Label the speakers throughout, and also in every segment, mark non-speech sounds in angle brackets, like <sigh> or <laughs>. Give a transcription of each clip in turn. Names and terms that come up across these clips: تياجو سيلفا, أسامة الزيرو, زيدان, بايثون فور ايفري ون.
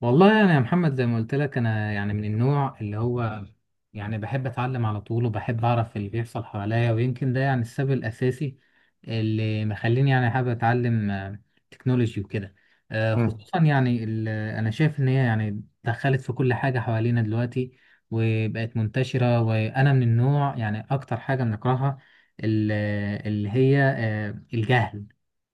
Speaker 1: والله انا يا محمد زي ما قلت لك، انا يعني من النوع اللي هو يعني بحب اتعلم على طول وبحب اعرف اللي بيحصل حواليا، ويمكن ده يعني السبب الاساسي اللي مخليني يعني حابب اتعلم تكنولوجي وكده.
Speaker 2: مم.
Speaker 1: خصوصا يعني انا شايف ان هي يعني دخلت في كل حاجة حوالينا دلوقتي وبقت منتشرة، وانا من النوع يعني اكتر حاجة بنكرهها ال- اللي هي الجهل.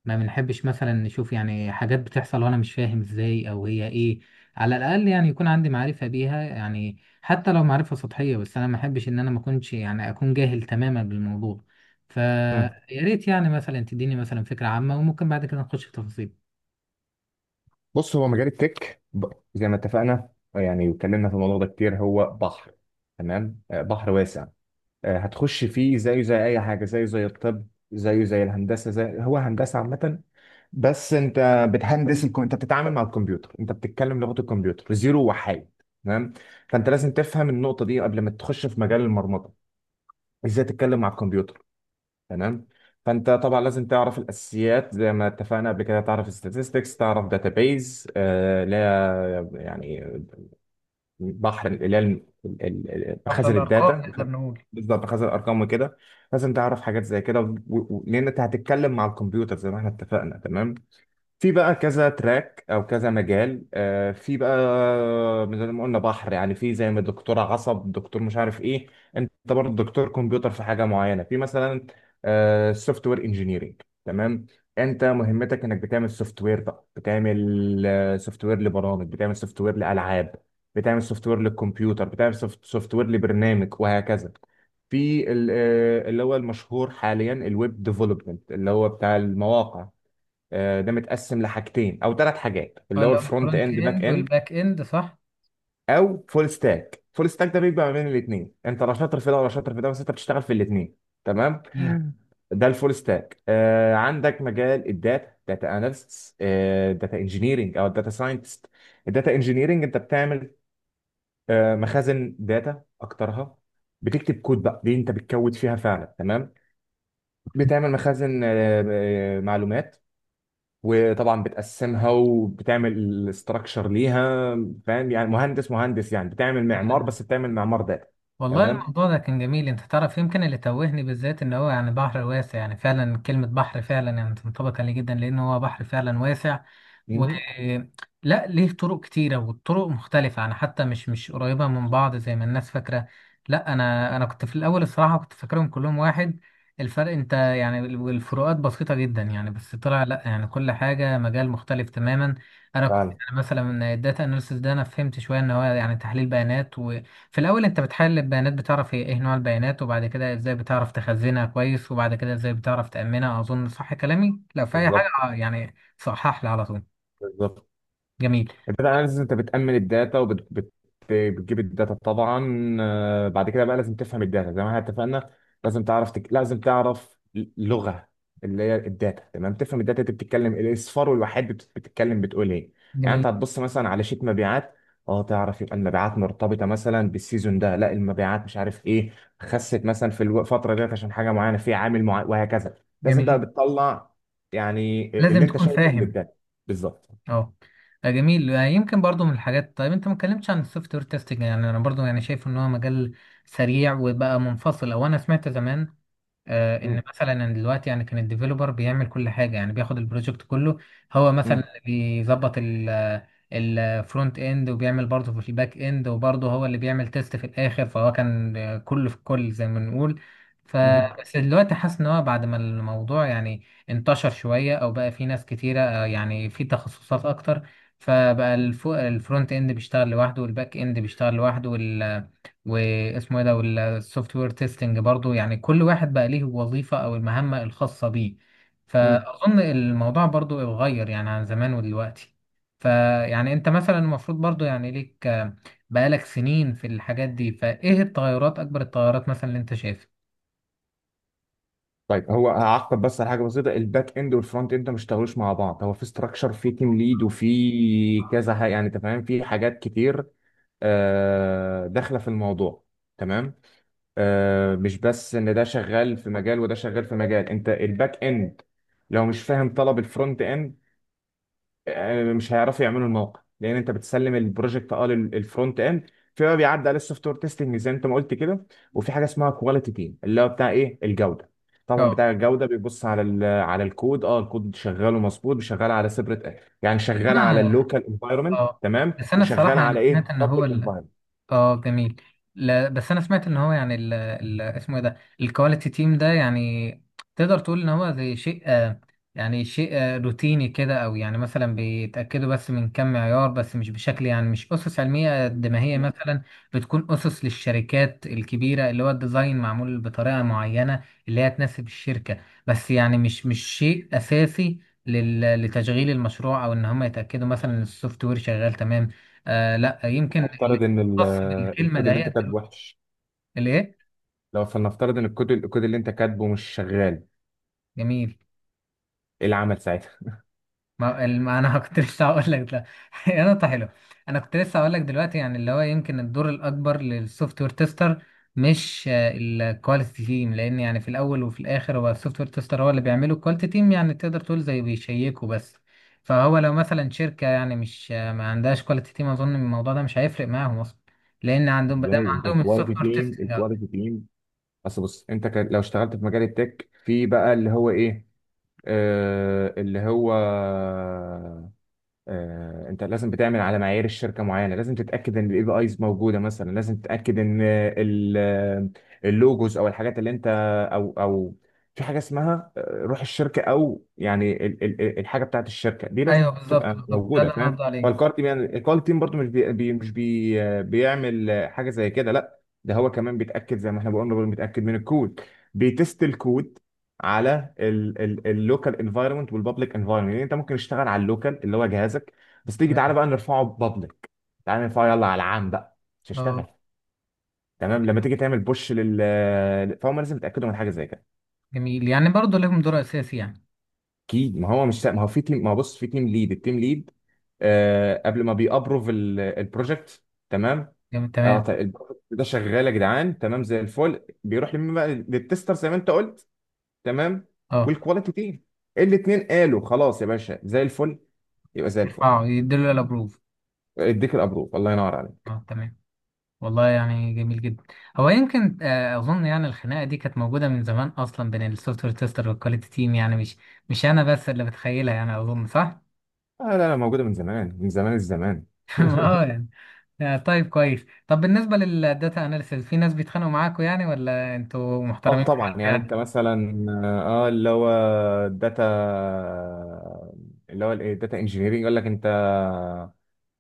Speaker 1: ما بنحبش مثلا نشوف يعني حاجات بتحصل وانا مش فاهم ازاي او هي ايه، على الاقل يعني يكون عندي معرفه بيها، يعني حتى لو معرفه سطحيه، بس انا ما احبش ان انا ما اكونش يعني اكون جاهل تماما بالموضوع. فيا
Speaker 2: مم.
Speaker 1: ريت يعني مثلا تديني مثلا فكره عامه وممكن بعد كده نخش في تفاصيل.
Speaker 2: بص، هو مجال التك زي ما اتفقنا، يعني واتكلمنا في الموضوع ده كتير. هو بحر. تمام. بحر واسع. هتخش فيه زيه زي اي حاجه، زيه زي الطب، زيه زي الهندسه، زي هو هندسه عامه. بس انت انت بتتعامل مع الكمبيوتر، انت بتتكلم لغه الكمبيوتر، زيرو وحيد. تمام. فانت لازم تفهم النقطه دي قبل ما تخش في مجال المرمطه. ازاي تتكلم مع الكمبيوتر؟ تمام. فانت طبعا لازم تعرف الاساسيات، زي ما اتفقنا قبل كده. تعرف statistics، تعرف database. آه، لا يعني بحر. اللي هي
Speaker 1: احلى
Speaker 2: مخازن
Speaker 1: الارقام
Speaker 2: الداتا.
Speaker 1: نقدر نقول.
Speaker 2: بالظبط، مخازن الارقام وكده. لازم تعرف حاجات زي كده، لان انت هتتكلم مع الكمبيوتر زي ما احنا اتفقنا. تمام. في بقى كذا تراك او كذا مجال. في بقى، زي ما قلنا، بحر. يعني في، زي ما دكتور عصب، دكتور مش عارف ايه، انت برضه دكتور كمبيوتر في حاجه معينه. في مثلا سوفت وير انجينيرنج. تمام. انت مهمتك انك بتعمل سوفت وير. بقى بتعمل سوفت وير لبرامج، بتعمل سوفت وير لالعاب، بتعمل سوفت وير للكمبيوتر، بتعمل سوفت وير لبرنامج، وهكذا. في اللي هو المشهور حاليا، الويب ديفلوبمنت، اللي هو بتاع المواقع. ده متقسم لحاجتين او ثلاث حاجات، اللي هو
Speaker 1: اللي هو
Speaker 2: الفرونت
Speaker 1: الفرونت
Speaker 2: اند، باك
Speaker 1: اند
Speaker 2: اند،
Speaker 1: والباك اند، صح.
Speaker 2: او فول ستاك. فول ستاك ده بيبقى ما بين الاثنين، انت لا شاطر في ده ولا شاطر في ده، بس انت بتشتغل في الاثنين. تمام.
Speaker 1: جميل.
Speaker 2: ده الفول ستاك. عندك مجال الداتا: داتا اناليست، داتا انجينيرنج، او داتا ساينتست. الداتا انجينيرنج انت بتعمل مخازن داتا اكترها. بتكتب كود، بقى دي انت بتكود فيها فعلا. تمام. بتعمل مخازن معلومات، وطبعا بتقسمها وبتعمل الاستراكشر ليها. فاهم؟ يعني مهندس، مهندس، يعني بتعمل معمار، بس بتعمل معمار داتا.
Speaker 1: والله
Speaker 2: تمام.
Speaker 1: الموضوع ده كان جميل، انت تعرف يمكن اللي توهني بالذات ان هو يعني بحر واسع، يعني فعلا كلمة بحر فعلا يعني تنطبق عليه جدا، لان هو بحر فعلا واسع. و
Speaker 2: مهم.
Speaker 1: لا ليه طرق كتيرة والطرق مختلفة، يعني حتى مش قريبة من بعض زي ما الناس فاكرة. لا انا كنت في الاول الصراحة كنت فاكرهم كلهم واحد، الفرق انت يعني الفروقات بسيطة جدا، يعني بس طلع لا يعني كل حاجة مجال مختلف تماما. انا كنت
Speaker 2: فعلا.
Speaker 1: يعني مثلا من الداتا اناليسيس ده انا فهمت شوية ان هو يعني تحليل بيانات. في الأول أنت بتحلل البيانات، بتعرف هي إيه نوع البيانات، وبعد كده إزاي بتعرف تخزنها كويس، وبعد كده إزاي بتعرف تأمنها، أظن صح كلامي؟ لو في أي حاجة
Speaker 2: بالظبط،
Speaker 1: يعني صحح لي على طول.
Speaker 2: بالظبط.
Speaker 1: جميل.
Speaker 2: الداتا اناليسيس، انت بتأمن الداتا وبتجيب الداتا طبعا. بعد كده بقى لازم تفهم الداتا زي ما احنا اتفقنا. لازم تعرف لغة، اللي هي الداتا. تمام. تفهم الداتا، انت بتتكلم الاصفار والوحيد. بتتكلم، بتقول ايه. يعني انت
Speaker 1: جميل.
Speaker 2: هتبص مثلا على شيت مبيعات، اه، تعرف يبقى المبيعات مرتبطة مثلا بالسيزون ده، لا المبيعات مش عارف ايه، خست مثلا في الفترة ديت عشان حاجة معينة، في عامل معين، وهكذا. لازم بقى
Speaker 1: جميل،
Speaker 2: بتطلع يعني اللي
Speaker 1: لازم
Speaker 2: انت
Speaker 1: تكون
Speaker 2: شايفه من
Speaker 1: فاهم.
Speaker 2: الداتا. بالظبط.
Speaker 1: أه. جميل. يمكن برضو من الحاجات، طيب أنت ما اتكلمتش عن السوفت وير تيستنج، يعني أنا برضو يعني شايف إن هو مجال سريع وبقى منفصل، أو أنا سمعت زمان
Speaker 2: مم.
Speaker 1: ان مثلا أنا دلوقتي يعني كان الديفيلوبر بيعمل كل حاجه، يعني بياخد البروجكت كله، هو مثلا اللي بيظبط الفرونت اند وبيعمل برضه في الباك اند وبرضه هو اللي بيعمل تيست في الاخر، فهو كان كله في كل زي ما بنقول.
Speaker 2: مم.
Speaker 1: فبس دلوقتي حاسس ان هو بعد ما الموضوع يعني انتشر شويه او بقى في ناس كتيره يعني في تخصصات اكتر، فبقى الفرونت اند بيشتغل لوحده والباك اند بيشتغل لوحده واسمه ايه ده والسوفت وير تيستنج برضو، يعني كل واحد بقى ليه وظيفة او المهمة الخاصة بيه.
Speaker 2: مم.
Speaker 1: فاظن الموضوع برضو اتغير يعني عن زمان ودلوقتي، فيعني انت مثلا المفروض برضو يعني ليك بقالك سنين في الحاجات دي، فايه التغيرات، اكبر التغيرات مثلا اللي انت شايفها.
Speaker 2: طيب، هو هعقب بس على حاجه بسيطه. الباك اند والفرونت اند ما اشتغلوش مع بعض. هو في استراكشر، في تيم ليد، وفي كذا يعني انت فاهم، في حاجات كتير داخله في الموضوع. تمام. مش بس ان ده شغال في مجال وده شغال في مجال. انت الباك اند لو مش فاهم طلب الفرونت اند، مش هيعرفوا يعملوا الموقع، لان انت بتسلم البروجكت الفرونت اند. في بقى بيعدي على السوفت وير تيستنج زي ما انت ما قلت كده، وفي حاجه اسمها كواليتي تيم، اللي هو بتاع ايه، الجوده. طبعا
Speaker 1: اه.
Speaker 2: بتاع الجوده بيبص على على الكود. اه، الكود شغال ومظبوط، شغال على سيبريت يعني، شغال على
Speaker 1: انا
Speaker 2: اللوكال انفايرمنت،
Speaker 1: اه.
Speaker 2: تمام،
Speaker 1: بس انا
Speaker 2: وشغال
Speaker 1: الصراحة
Speaker 2: على
Speaker 1: يعني سمعت
Speaker 2: ايه،
Speaker 1: ان هو
Speaker 2: بابليك انفايرمنت.
Speaker 1: اه جميل. لا بس انا سمعت ان هو يعني ال اسمه ايه ده، الكواليتي تيم ده، يعني تقدر تقول ان هو زي شيء يعني شيء روتيني كده، او يعني مثلا بيتاكدوا بس من كم معيار، بس مش بشكل يعني مش اسس علميه قد ما هي
Speaker 2: مم.
Speaker 1: مثلا بتكون اسس للشركات الكبيره، اللي هو الديزاين معمول بطريقه معينه اللي هي تناسب الشركه، بس يعني مش شيء اساسي لتشغيل المشروع، او ان هم يتاكدوا مثلا ان السوفت وير شغال تمام. آه لا يمكن
Speaker 2: نفترض ان
Speaker 1: خاص بالكلمه
Speaker 2: الكود اللي انت
Speaker 1: دهيت
Speaker 2: كاتبه
Speaker 1: دلوقتي-.
Speaker 2: وحش.
Speaker 1: الايه؟
Speaker 2: لو فلنفترض ان الكود الكود اللي انت كاتبه مش شغال،
Speaker 1: جميل.
Speaker 2: ايه العمل ساعتها؟
Speaker 1: ما انا <laughs> كنت لسه هقول لك ده. <laughs> يا نقطه حلوه، انا كنت لسه هقول لك دلوقتي يعني اللي هو يمكن الدور الاكبر للسوفت وير تيستر مش الكواليتي تيم، لان يعني في الاول وفي الاخر هو السوفت وير تيستر هو اللي بيعمله الكواليتي تيم، يعني تقدر تقول زي بيشيكوا بس. فهو لو مثلا شركه يعني مش ما عندهاش كواليتي تيم، اظن الموضوع ده مش هيفرق معاهم اصلا، لان
Speaker 2: <laughs>
Speaker 1: عندهم ما دام
Speaker 2: ازاي انت
Speaker 1: عندهم
Speaker 2: الكواليتي
Speaker 1: السوفت وير
Speaker 2: تيم،
Speaker 1: تيستنج.
Speaker 2: الكواليتي تيم. بس بص، انت كان لو اشتغلت في مجال التك، في بقى اللي هو ايه، آه اللي هو آه، انت لازم بتعمل على معايير الشركه معينه. لازم تتاكد ان الاي بي ايز موجوده مثلا، لازم تتاكد ان اللوجوز او الحاجات اللي انت، او في حاجه اسمها روح الشركه، او يعني الحاجه بتاعت الشركه دي
Speaker 1: ايوه
Speaker 2: لازم
Speaker 1: بالظبط،
Speaker 2: تبقى
Speaker 1: بالظبط، ده
Speaker 2: موجوده،
Speaker 1: اللي انا
Speaker 2: فاهم.
Speaker 1: قصدي عليه.
Speaker 2: فالكار تيم، يعني الكار تيم برضو، مش بي بي- مش بي آه، بيعمل حاجه زي كده. لا، ده هو كمان بيتاكد زي ما احنا بقولنا، بيتاكد من الكود، بيتست الكود على اللوكال انفايرمنت والبابليك انفايرمنت. يعني انت ممكن تشتغل على اللوكال اللي هو جهازك، بس تيجي
Speaker 1: تمام.
Speaker 2: تعالى بقى نرفعه بابليك، تعالى نرفعه يلا على العام بقى، مش
Speaker 1: اه
Speaker 2: هشتغل. تمام. لما تيجي تعمل بوش فهم لازم يتاكدوا من حاجه زي كده.
Speaker 1: جميل، يعني برضه لهم دور اساسي يعني.
Speaker 2: اكيد. ما هو، بص، في تيم ليد. التيم ليد قبل ما بيابروف البروجكت. تمام.
Speaker 1: جميل
Speaker 2: اه،
Speaker 1: تمام.
Speaker 2: طيب البروجكت ده شغال يا جدعان، تمام زي الفل، بيروح لمين بقى، للتستر زي ما انت قلت. تمام.
Speaker 1: اه،
Speaker 2: والكواليتي تيم، الاثنين قالوا خلاص يا باشا زي الفل، يبقى زي الفل.
Speaker 1: اه، يديله الابروف.
Speaker 2: اديك الابروف، الله ينور عليك.
Speaker 1: اه تمام. والله يعني جميل جدا، هو يمكن اظن يعني الخناقه دي كانت موجوده من زمان اصلا بين السوفت وير تيستر والكواليتي تيم، يعني مش انا بس اللي بتخيلها، يعني اظن صح.
Speaker 2: آه، لا لا، موجوده من زمان، من زمان الزمان.
Speaker 1: <laughs>
Speaker 2: <laughs>
Speaker 1: اه يعني. طيب كويس، طب بالنسبه للداتا اناليسيس في ناس بيتخانقوا معاكوا يعني، ولا انتوا
Speaker 2: اه
Speaker 1: محترمين في
Speaker 2: طبعا.
Speaker 1: حالكم
Speaker 2: يعني انت
Speaker 1: يعني؟
Speaker 2: مثلا اللي هو الداتا، اللي هو الايه الداتا انجينيرنج يقول لك انت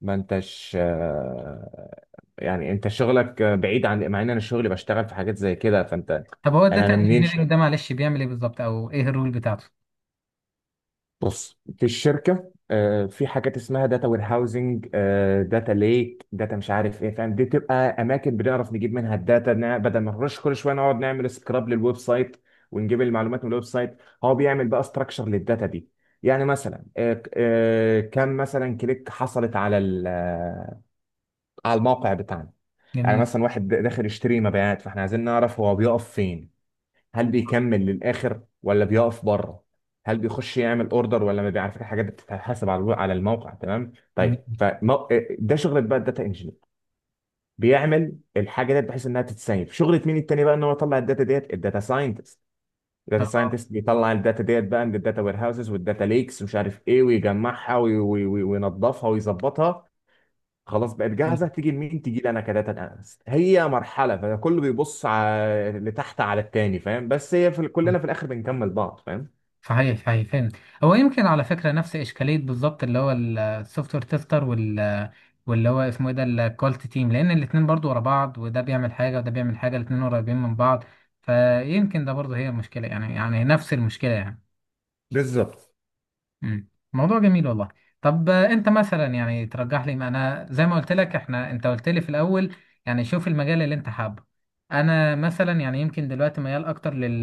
Speaker 2: ما انتش، يعني انت شغلك بعيد، عن مع ان انا شغلي بشتغل في حاجات زي كده، فانت،
Speaker 1: طب هو
Speaker 2: انا
Speaker 1: الداتا
Speaker 2: منين.
Speaker 1: انجينيرنج ده معلش بيعمل ايه بالظبط، او ايه الرول بتاعته؟
Speaker 2: بص، في الشركه في حاجات اسمها داتا وير هاوزنج، داتا ليك، داتا مش عارف ايه، فاهم. دي تبقى اماكن بنعرف نجيب منها الداتا، بدل ما نرش كل شويه نقعد نعمل سكراب للويب سايت ونجيب المعلومات من الويب سايت. هو بيعمل بقى ستراكشر للداتا دي. يعني مثلا كم مثلا كليك حصلت على على الموقع بتاعنا. يعني
Speaker 1: جميل.
Speaker 2: مثلا واحد داخل يشتري مبيعات، فاحنا عايزين نعرف هو بيقف فين، هل بيكمل للاخر ولا بيقف بره، هل بيخش يعمل اوردر ولا ما بيعرف، الحاجات دي بتتحاسب على على الموقع. تمام.
Speaker 1: جميل.
Speaker 2: طيب ده شغله بقى الداتا انجينير. بيعمل الحاجه دي بحيث انها تتسيب شغله مين التاني بقى، ان هو يطلع الداتا ديت، الداتا ساينتست. الداتا
Speaker 1: اه
Speaker 2: ساينتست بيطلع الداتا ديت بقى من الداتا وير هاوسز والداتا ليكس ومش عارف ايه، ويجمعها وينظفها ويظبطها. خلاص، بقت
Speaker 1: جميل.
Speaker 2: جاهزه. تيجي لمين؟ تيجي لي انا كداتا اناليست. هي مرحله، فكله بيبص على لتحت على التاني، فاهم، بس هي في كلنا في الاخر بنكمل بعض، فاهم.
Speaker 1: صحيح صحيح، فهمت. هو يمكن على فكرة نفس إشكالية بالظبط اللي هو السوفت وير تيستر، واللي هو اسمه ايه ده الكواليتي تيم، لأن الاتنين برضو ورا بعض، وده بيعمل حاجة وده بيعمل حاجة، الاتنين قريبين من بعض، فيمكن ده برضو هي المشكلة، يعني نفس المشكلة يعني.
Speaker 2: بالظبط.
Speaker 1: مم. موضوع جميل والله. طب أنت مثلا يعني ترجح لي، ما أنا زي ما قلت لك، إحنا أنت قلت لي في الأول يعني شوف المجال اللي أنت حابه، أنا مثلا يعني يمكن دلوقتي ميال أكتر لل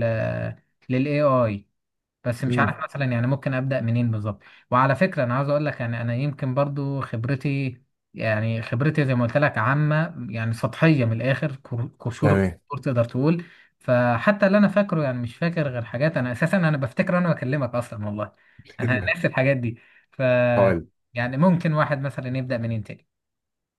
Speaker 1: لل AI، بس مش
Speaker 2: مم.
Speaker 1: عارف مثلا يعني ممكن ابدا منين بالظبط. وعلى فكره انا عاوز اقول لك يعني انا يمكن برضو خبرتي، يعني خبرتي زي ما قلت لك عامه يعني سطحيه، من الاخر قشور
Speaker 2: تمام.
Speaker 1: الكور تقدر تقول. فحتى اللي انا فاكره يعني مش فاكر غير حاجات، انا اساسا انا بفتكر انا بكلمك اصلا والله، انا <laughs> ناسي
Speaker 2: <laughs>
Speaker 1: الحاجات دي. ف
Speaker 2: هقول،
Speaker 1: يعني ممكن واحد مثلا يبدا منين تاني؟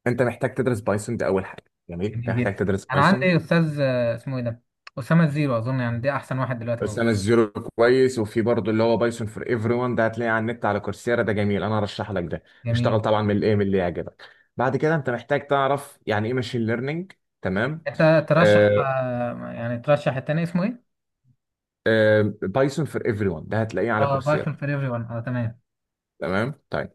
Speaker 2: انت محتاج تدرس بايثون، ده اول حاجه. جميل. انت
Speaker 1: جميل جدا.
Speaker 2: محتاج تدرس
Speaker 1: انا
Speaker 2: بايثون.
Speaker 1: عندي استاذ اسمه ايه ده، اسامه الزيرو، اظن يعني ده احسن واحد دلوقتي
Speaker 2: بس
Speaker 1: موجود.
Speaker 2: انا الزيرو كويس، وفي برضه اللي هو بايثون فور ايفري ون، ده هتلاقيه على النت على كورسيرا، ده جميل، انا هرشح لك ده. اشتغل
Speaker 1: جميل.
Speaker 2: طبعا من الايه، من اللي يعجبك. بعد كده انت محتاج تعرف يعني ايه ماشين ليرنينج. تمام.
Speaker 1: انت ترشح
Speaker 2: آه،
Speaker 1: يعني ترشح التاني اسمه ايه؟
Speaker 2: بايثون فور ايفري ون ده هتلاقيه على
Speaker 1: اه
Speaker 2: كورسيرا.
Speaker 1: بايثون فور ايفري ون، اه تمام.
Speaker 2: تمام. طيب.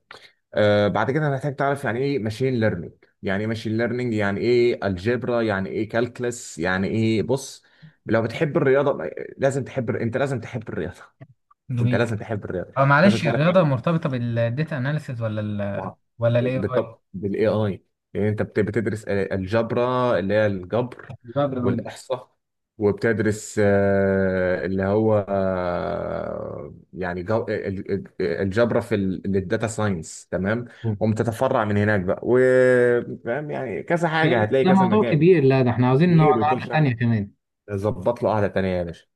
Speaker 2: بعد كده هنحتاج تعرف يعني ايه ماشين ليرنينج. يعني ايه ماشين ليرنينج، يعني ايه الجبرا، يعني ايه كالكلس، يعني ايه. بص، لو بتحب الرياضه، لازم تحب، انت لازم تحب الرياضه. <laughs> انت
Speaker 1: جميل.
Speaker 2: لازم تحب الرياضه.
Speaker 1: اه
Speaker 2: لازم
Speaker 1: معلش
Speaker 2: تعرف،
Speaker 1: الرياضة مرتبطة بالداتا اناليسيز ولا
Speaker 2: طبعا.
Speaker 1: ولا الاي
Speaker 2: بالطب
Speaker 1: اي؟
Speaker 2: بالاي اي. يعني انت بتدرس الجبر، اللي هي الجبر
Speaker 1: لا بالرغم.
Speaker 2: والاحصاء، وبتدرس اللي هو يعني الجبر في الداتا ساينس. تمام. وبتتفرع من هناك بقى، وفاهم يعني كذا
Speaker 1: ده
Speaker 2: حاجه، هتلاقي
Speaker 1: ده
Speaker 2: كذا
Speaker 1: موضوع
Speaker 2: مجال.
Speaker 1: كبير، لا ده احنا عاوزين نقعد
Speaker 2: كبير، وطول
Speaker 1: قعدة
Speaker 2: شرح.
Speaker 1: تانية كمان.
Speaker 2: ظبط له قعده تانيه يا باشا.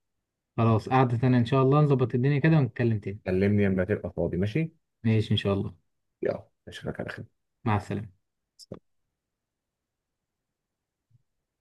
Speaker 1: خلاص قعدة تانية ان شاء الله، نظبط الدنيا كده ونتكلم تاني.
Speaker 2: كلمني لما تبقى فاضي، ماشي.
Speaker 1: ماشي ان شاء الله.
Speaker 2: يلا، اشوفك على خير.
Speaker 1: مع السلامة.